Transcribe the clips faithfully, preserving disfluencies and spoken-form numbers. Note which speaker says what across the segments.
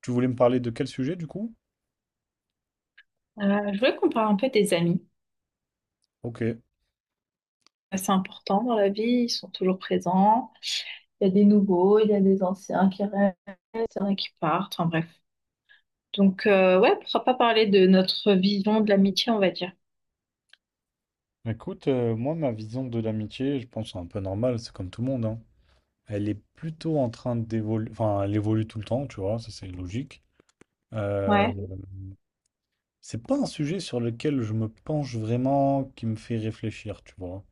Speaker 1: Tu voulais me parler de quel sujet du coup?
Speaker 2: Euh, je voulais qu'on parle un peu des amis.
Speaker 1: Ok.
Speaker 2: C'est important dans la vie, ils sont toujours présents. Il y a des nouveaux, il y a des anciens qui restent, il y en a qui partent, enfin bref. Donc, euh, ouais, pourquoi pas parler de notre vision de l'amitié, on va dire.
Speaker 1: Écoute, euh, moi, ma vision de l'amitié, je pense, c'est un peu normal, c'est comme tout le monde, hein. Elle est plutôt en train d'évoluer, enfin, elle évolue tout le temps, tu vois, ça c'est logique. Euh,
Speaker 2: Ouais,
Speaker 1: Mhm. C'est pas un sujet sur lequel je me penche vraiment, qui me fait réfléchir, tu vois.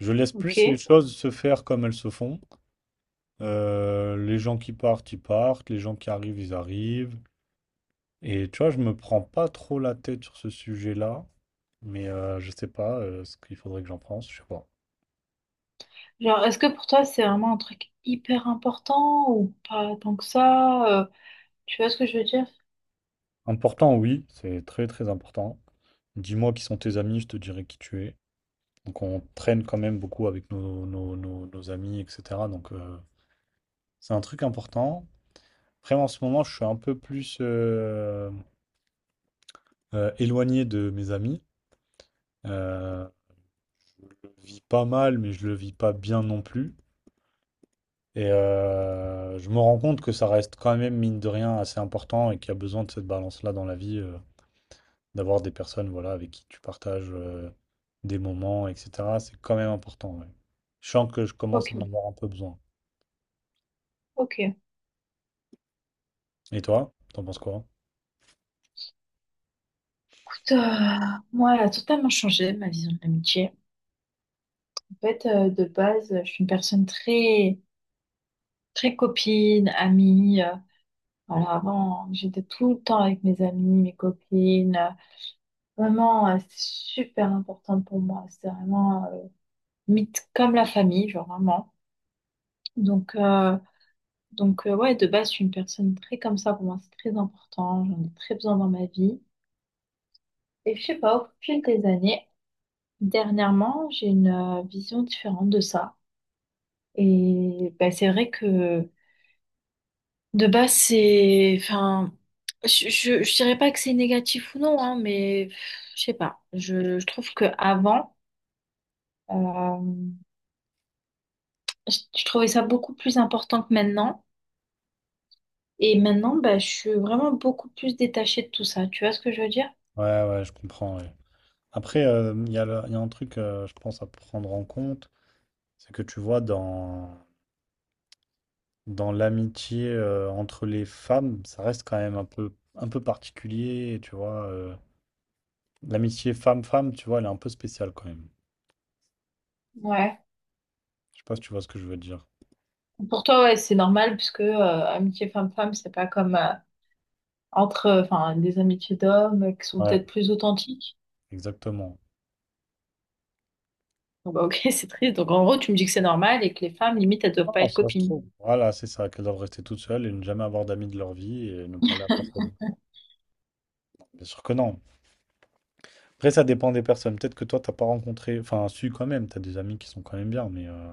Speaker 1: Je laisse
Speaker 2: ok.
Speaker 1: plus les choses se faire comme elles se font. Euh, les gens qui partent, ils partent, les gens qui arrivent, ils arrivent. Et tu vois, je me prends pas trop la tête sur ce sujet-là, mais euh, je sais pas euh, ce qu'il faudrait que j'en pense, je sais pas.
Speaker 2: Genre, est-ce que pour toi, c'est vraiment un truc hyper important ou pas tant que ça? Euh, tu vois ce que je veux dire?
Speaker 1: Important, oui, c'est très très important. Dis-moi qui sont tes amis, je te dirai qui tu es. Donc on traîne quand même beaucoup avec nos, nos, nos- nos amis, et cetera. Donc euh, c'est un truc important. Après, en ce moment, je suis un peu plus euh, euh, éloigné de mes amis. Euh, je le vis pas mal, mais je le vis pas bien non plus. Et euh, je me rends compte que ça reste quand même, mine de rien, assez important et qu'il y a besoin de cette balance-là dans la vie, euh, d'avoir des personnes voilà, avec qui tu partages euh, des moments, et cetera. C'est quand même important, ouais. Je sens que je commence
Speaker 2: Ok,
Speaker 1: à en Mm. avoir un peu besoin.
Speaker 2: ok.
Speaker 1: Et toi, t'en penses quoi?
Speaker 2: Écoute, euh, moi, elle a totalement changé ma vision de l'amitié. En fait, euh, de base, je suis une personne très, très copine, amie. euh, Voilà, avant, j'étais tout le temps avec mes amis, mes copines. Vraiment, euh, c'est super important pour moi. C'est vraiment euh, mythe comme la famille, genre vraiment. Donc, euh, donc euh, ouais, de base, je suis une personne très comme ça. Pour moi, c'est très important. J'en ai très besoin dans ma vie. Et je sais pas, au fil des années, dernièrement, j'ai une euh, vision différente de ça. Et ben, c'est vrai que de base, c'est, enfin, je, je, je dirais pas que c'est négatif ou non, hein, mais je sais pas. Je, je trouve que avant, euh, je, je trouvais ça beaucoup plus important que maintenant. Et maintenant, bah, je suis vraiment beaucoup plus détachée de tout ça. Tu vois ce que je veux dire?
Speaker 1: Ouais, ouais, je comprends, ouais. Après, euh, il y a, le- il y a un truc, euh, je pense, à prendre en compte, c'est que tu vois, dans, dans l'amitié euh, entre les femmes, ça reste quand même un peu, un peu particulier, tu vois. euh, L'amitié femme-femme, tu vois, elle est un peu spéciale quand même.
Speaker 2: Ouais.
Speaker 1: Je sais pas si tu vois ce que je veux dire.
Speaker 2: Pour toi, ouais, c'est normal puisque euh, amitié femme-femme, c'est pas comme euh, entre, euh, enfin, des amitiés d'hommes euh, qui sont
Speaker 1: Ouais,
Speaker 2: peut-être plus authentiques.
Speaker 1: exactement.
Speaker 2: Donc, bah, ok, c'est triste. Donc, en gros, tu me dis que c'est normal et que les femmes, limite, elles doivent pas
Speaker 1: Non,
Speaker 2: être
Speaker 1: ça se
Speaker 2: copines.
Speaker 1: trouve. Voilà, c'est ça, qu'elles doivent rester toutes seules et ne jamais avoir d'amis de leur vie et ne parler à personne. Bien sûr que non. Après, ça dépend des personnes. Peut-être que toi, t'as pas rencontré. Enfin, si, quand même, t'as des amis qui sont quand même bien, mais. euh,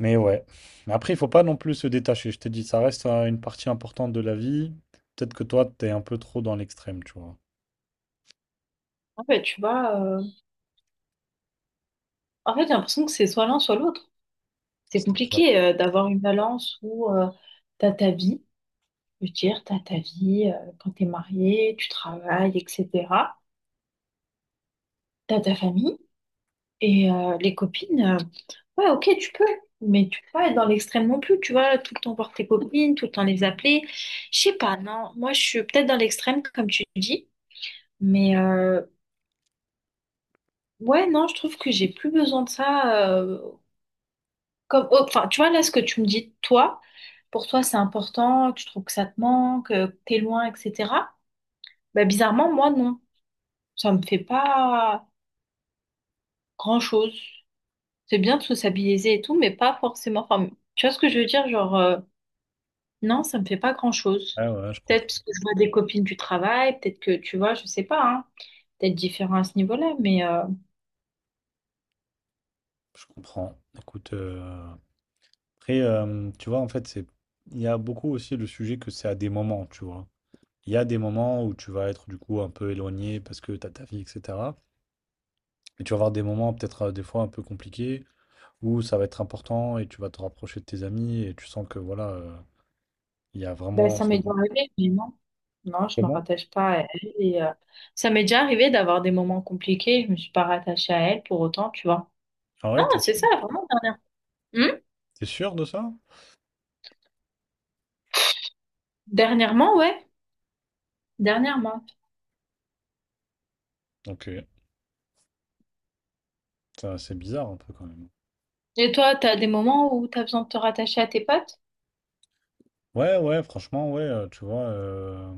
Speaker 1: Mais ouais. Mais après, il faut pas non plus se détacher. Je t'ai dit, ça reste euh, une partie importante de la vie. Peut-être que toi, t'es un peu trop dans l'extrême, tu vois.
Speaker 2: En fait, tu vois. En fait, j'ai l'impression que c'est soit l'un, soit l'autre. C'est
Speaker 1: C'est-à-dire.
Speaker 2: compliqué euh, d'avoir une balance où euh, t'as ta vie, je veux dire, t'as ta vie euh, quand t'es marié, tu travailles, et cetera. T'as ta famille et euh, les copines. Euh, ouais, ok, tu peux, mais tu peux pas être dans l'extrême non plus, tu vois, tout le temps voir tes copines, tout le temps les appeler. Je sais pas, non. Moi, je suis peut-être dans l'extrême, comme tu dis, mais euh, ouais, non, je trouve que j'ai plus besoin de ça. euh, Comme, oh, enfin, tu vois, là, ce que tu me dis, toi, pour toi, c'est important, tu trouves que ça te manque, euh, que t'es loin, et cetera. Bah, bizarrement, moi, non. Ça me fait pas grand-chose. C'est bien de sociabiliser et tout, mais pas forcément. Enfin, tu vois ce que je veux dire? Genre, euh, non, ça me fait pas grand-chose.
Speaker 1: Ouais, ouais, je
Speaker 2: Peut-être
Speaker 1: comprends.
Speaker 2: parce que je vois des copines du travail, peut-être que, tu vois, je sais pas, hein, peut-être différent à ce niveau-là, mais... euh,
Speaker 1: Je comprends. Écoute. euh, Après, euh, tu vois, en fait, c'est, il y a beaucoup aussi le sujet que c'est à des moments, tu vois. Il y a des moments où tu vas être du coup un peu éloigné parce que tu as ta vie, et cetera. Et tu vas avoir des moments peut-être euh, des fois un peu compliqués où ça va être important et tu vas te rapprocher de tes amis et tu sens que voilà, euh, il y a
Speaker 2: Ben,
Speaker 1: vraiment
Speaker 2: ça
Speaker 1: ce...
Speaker 2: m'est déjà arrivé, mais non. Non, je me
Speaker 1: Comment?
Speaker 2: rattache pas à elle. Et, euh, ça m'est déjà arrivé d'avoir des moments compliqués. Je me suis pas rattachée à elle pour autant, tu vois.
Speaker 1: Ah
Speaker 2: Non,
Speaker 1: ouais, t'es
Speaker 2: c'est ça,
Speaker 1: sûr?
Speaker 2: vraiment dernière. Hmm.
Speaker 1: T'es sûr de ça?
Speaker 2: Dernièrement, ouais. Dernièrement.
Speaker 1: Ok. Ça, c'est bizarre un peu quand même.
Speaker 2: Et toi, t'as des moments où t'as besoin de te rattacher à tes potes?
Speaker 1: Ouais, ouais, franchement, ouais, euh, tu vois. euh,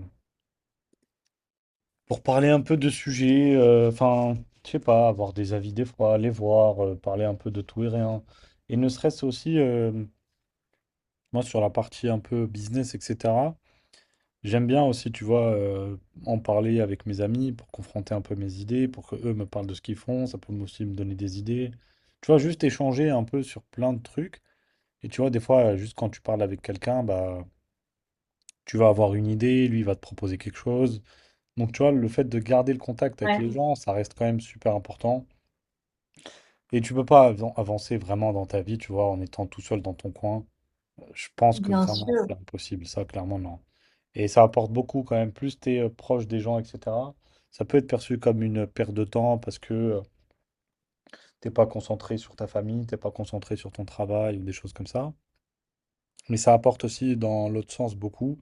Speaker 1: Pour parler un peu de sujets, euh, enfin, je sais pas, avoir des avis des fois, les voir, euh, parler un peu de tout et rien. Et ne serait-ce aussi, euh, moi, sur la partie un peu business, et cetera, j'aime bien aussi, tu vois, euh, en parler avec mes amis pour confronter un peu mes idées, pour que eux me parlent de ce qu'ils font, ça peut aussi me donner des idées. Tu vois, juste échanger un peu sur plein de trucs. Et tu vois, des fois, juste quand tu parles avec quelqu'un, bah, tu vas avoir une idée, lui, il va te proposer quelque chose. Donc, tu vois, le fait de garder le contact avec
Speaker 2: Ouais,
Speaker 1: les gens, ça reste quand même super important. Et tu peux pas avan- avancer vraiment dans ta vie, tu vois, en étant tout seul dans ton coin. Je pense que
Speaker 2: bien
Speaker 1: vraiment,
Speaker 2: sûr.
Speaker 1: c'est impossible, ça, clairement, non. Et ça apporte beaucoup quand même. Plus tu es proche des gens, et cetera, ça peut être perçu comme une perte de temps parce que euh, t'es pas concentré sur ta famille, t'es pas concentré sur ton travail ou des choses comme ça. Mais ça apporte aussi dans l'autre sens beaucoup.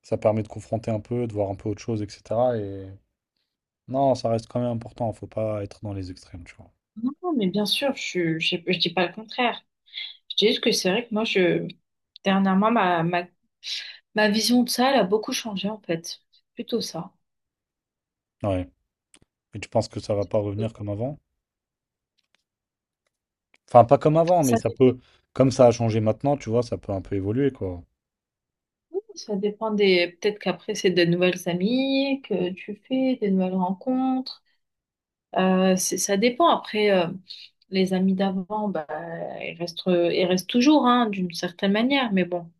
Speaker 1: Ça permet de confronter un peu, de voir un peu autre chose, et cetera. Et non, ça reste quand même important. Faut pas être dans les extrêmes, tu vois.
Speaker 2: Non, non, mais bien sûr, je, je, je dis pas le contraire. Je dis juste que c'est vrai que moi, je, dernièrement, ma, ma, ma vision de ça, elle a beaucoup changé, en fait. C'est plutôt ça.
Speaker 1: Ouais. Et tu penses que ça va pas revenir comme avant? Enfin, pas comme avant, mais
Speaker 2: Ça,
Speaker 1: ça
Speaker 2: fait
Speaker 1: peut, comme ça a changé maintenant, tu vois, ça peut un peu évoluer, quoi.
Speaker 2: ça dépend des. Peut-être qu'après, c'est de nouvelles amies que tu fais, des nouvelles rencontres. Euh, c'est- ça dépend. Après, euh, les amis d'avant, bah, ils restent, ils restent toujours, hein, d'une certaine manière. Mais bon,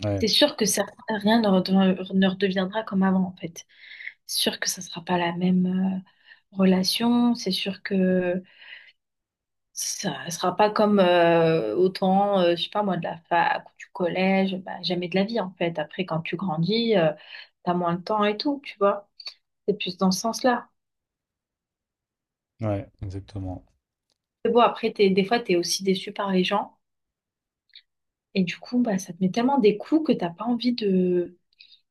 Speaker 1: Ouais,
Speaker 2: c'est sûr que certains- rien ne redev- ne redeviendra comme avant, en fait. C'est sûr que ça sera pas la même, euh, relation. C'est sûr que ça sera pas comme euh, autant, euh, je sais pas moi, de la fac ou du collège, bah, jamais de la vie en fait. Après, quand tu grandis, euh, t'as moins de temps et tout, tu vois. C'est plus dans ce sens-là.
Speaker 1: ouais, exactement.
Speaker 2: C'est bon, après, t'es, des fois, t'es aussi déçu par les gens. Et du coup, bah, ça te met tellement des coups que t'as pas envie de,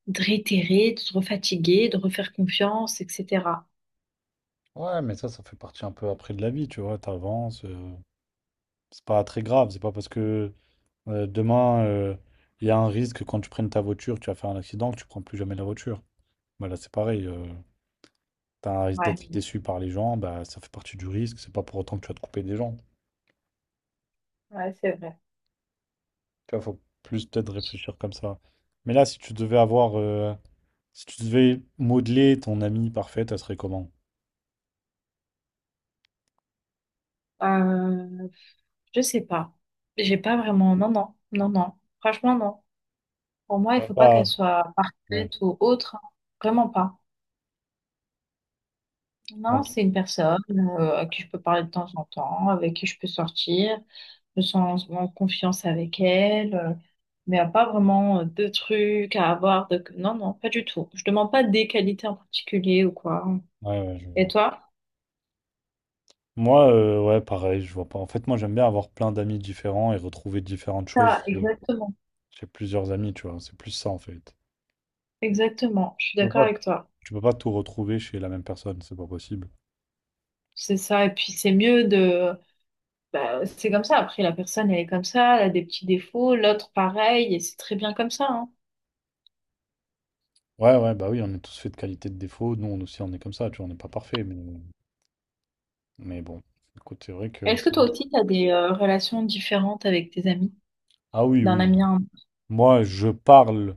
Speaker 2: de réitérer, de te refatiguer, de refaire confiance, et cetera.
Speaker 1: Ouais, mais ça, ça fait partie un peu après de la vie, tu vois, t'avances, euh, c'est pas très grave, c'est pas parce que euh, demain, euh, il y a un risque que quand tu prennes ta voiture, tu vas faire un accident, que tu prends plus jamais la voiture. Bah là, c'est pareil, euh, t'as un risque
Speaker 2: Ouais,
Speaker 1: d'être déçu par les gens, bah ça fait partie du risque, c'est pas pour autant que tu vas te couper des gens.
Speaker 2: ouais, c'est vrai.
Speaker 1: Tu vois, faut plus peut-être réfléchir comme ça. Mais là, si tu devais avoir... euh, Si tu devais modeler ton amie parfaite, elle serait comment?
Speaker 2: Euh, je sais pas. J'ai pas vraiment. Non, non, non, non. Franchement, non. Pour moi, il
Speaker 1: Ouais.
Speaker 2: faut pas qu'elle
Speaker 1: Pas.
Speaker 2: soit
Speaker 1: Ouais,
Speaker 2: parfaite ou autre, hein. Vraiment pas. Non,
Speaker 1: quand-
Speaker 2: c'est une personne euh, à qui je peux parler de temps en temps, avec qui je peux sortir, je me sens en confiance avec elle, euh, mais y a pas vraiment euh, de trucs à avoir. De... Non, non, pas du tout. Je demande pas des qualités en particulier ou quoi.
Speaker 1: ouais, ouais, je
Speaker 2: Et
Speaker 1: vois.
Speaker 2: toi?
Speaker 1: Moi, euh, ouais, pareil, je vois pas. En fait, moi, j'aime bien avoir plein d'amis différents et retrouver différentes
Speaker 2: Ça,
Speaker 1: choses chez,
Speaker 2: exactement.
Speaker 1: chez plusieurs amis, tu vois. C'est plus ça, en fait.
Speaker 2: Exactement, je suis
Speaker 1: Tu peux
Speaker 2: d'accord
Speaker 1: pas,
Speaker 2: avec toi.
Speaker 1: tu peux pas tout retrouver chez la même personne, c'est pas possible.
Speaker 2: C'est ça, et puis c'est mieux de... Bah, c'est comme ça, après la personne, elle est comme ça, elle a des petits défauts, l'autre pareil, et c'est très bien comme ça, hein.
Speaker 1: Ouais, ouais, bah oui, on est tous faits de qualités, de défauts. Nous, on aussi, on est comme ça, tu vois, on n'est pas parfait, mais, mais bon. Écoute, c'est vrai que.
Speaker 2: Est-ce que
Speaker 1: C'est-
Speaker 2: toi aussi, tu as des euh, relations différentes avec tes amis,
Speaker 1: Ah oui,
Speaker 2: d'un
Speaker 1: oui.
Speaker 2: ami à un,
Speaker 1: Moi, je parle.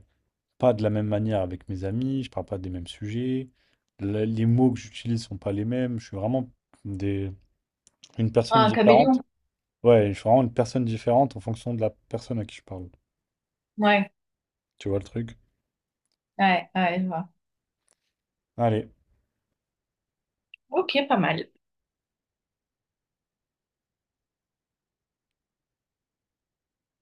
Speaker 1: Pas de la même manière avec mes amis, je parle pas des mêmes sujets, la- les mots que j'utilise sont pas les mêmes, je suis vraiment des, une personne
Speaker 2: à un caméléon?
Speaker 1: différente. Ouais, je suis vraiment une personne différente en fonction de la personne à qui je parle.
Speaker 2: Ouais,
Speaker 1: Tu vois le truc?
Speaker 2: ouais, ouais, je vois.
Speaker 1: Allez.
Speaker 2: Ok, pas mal.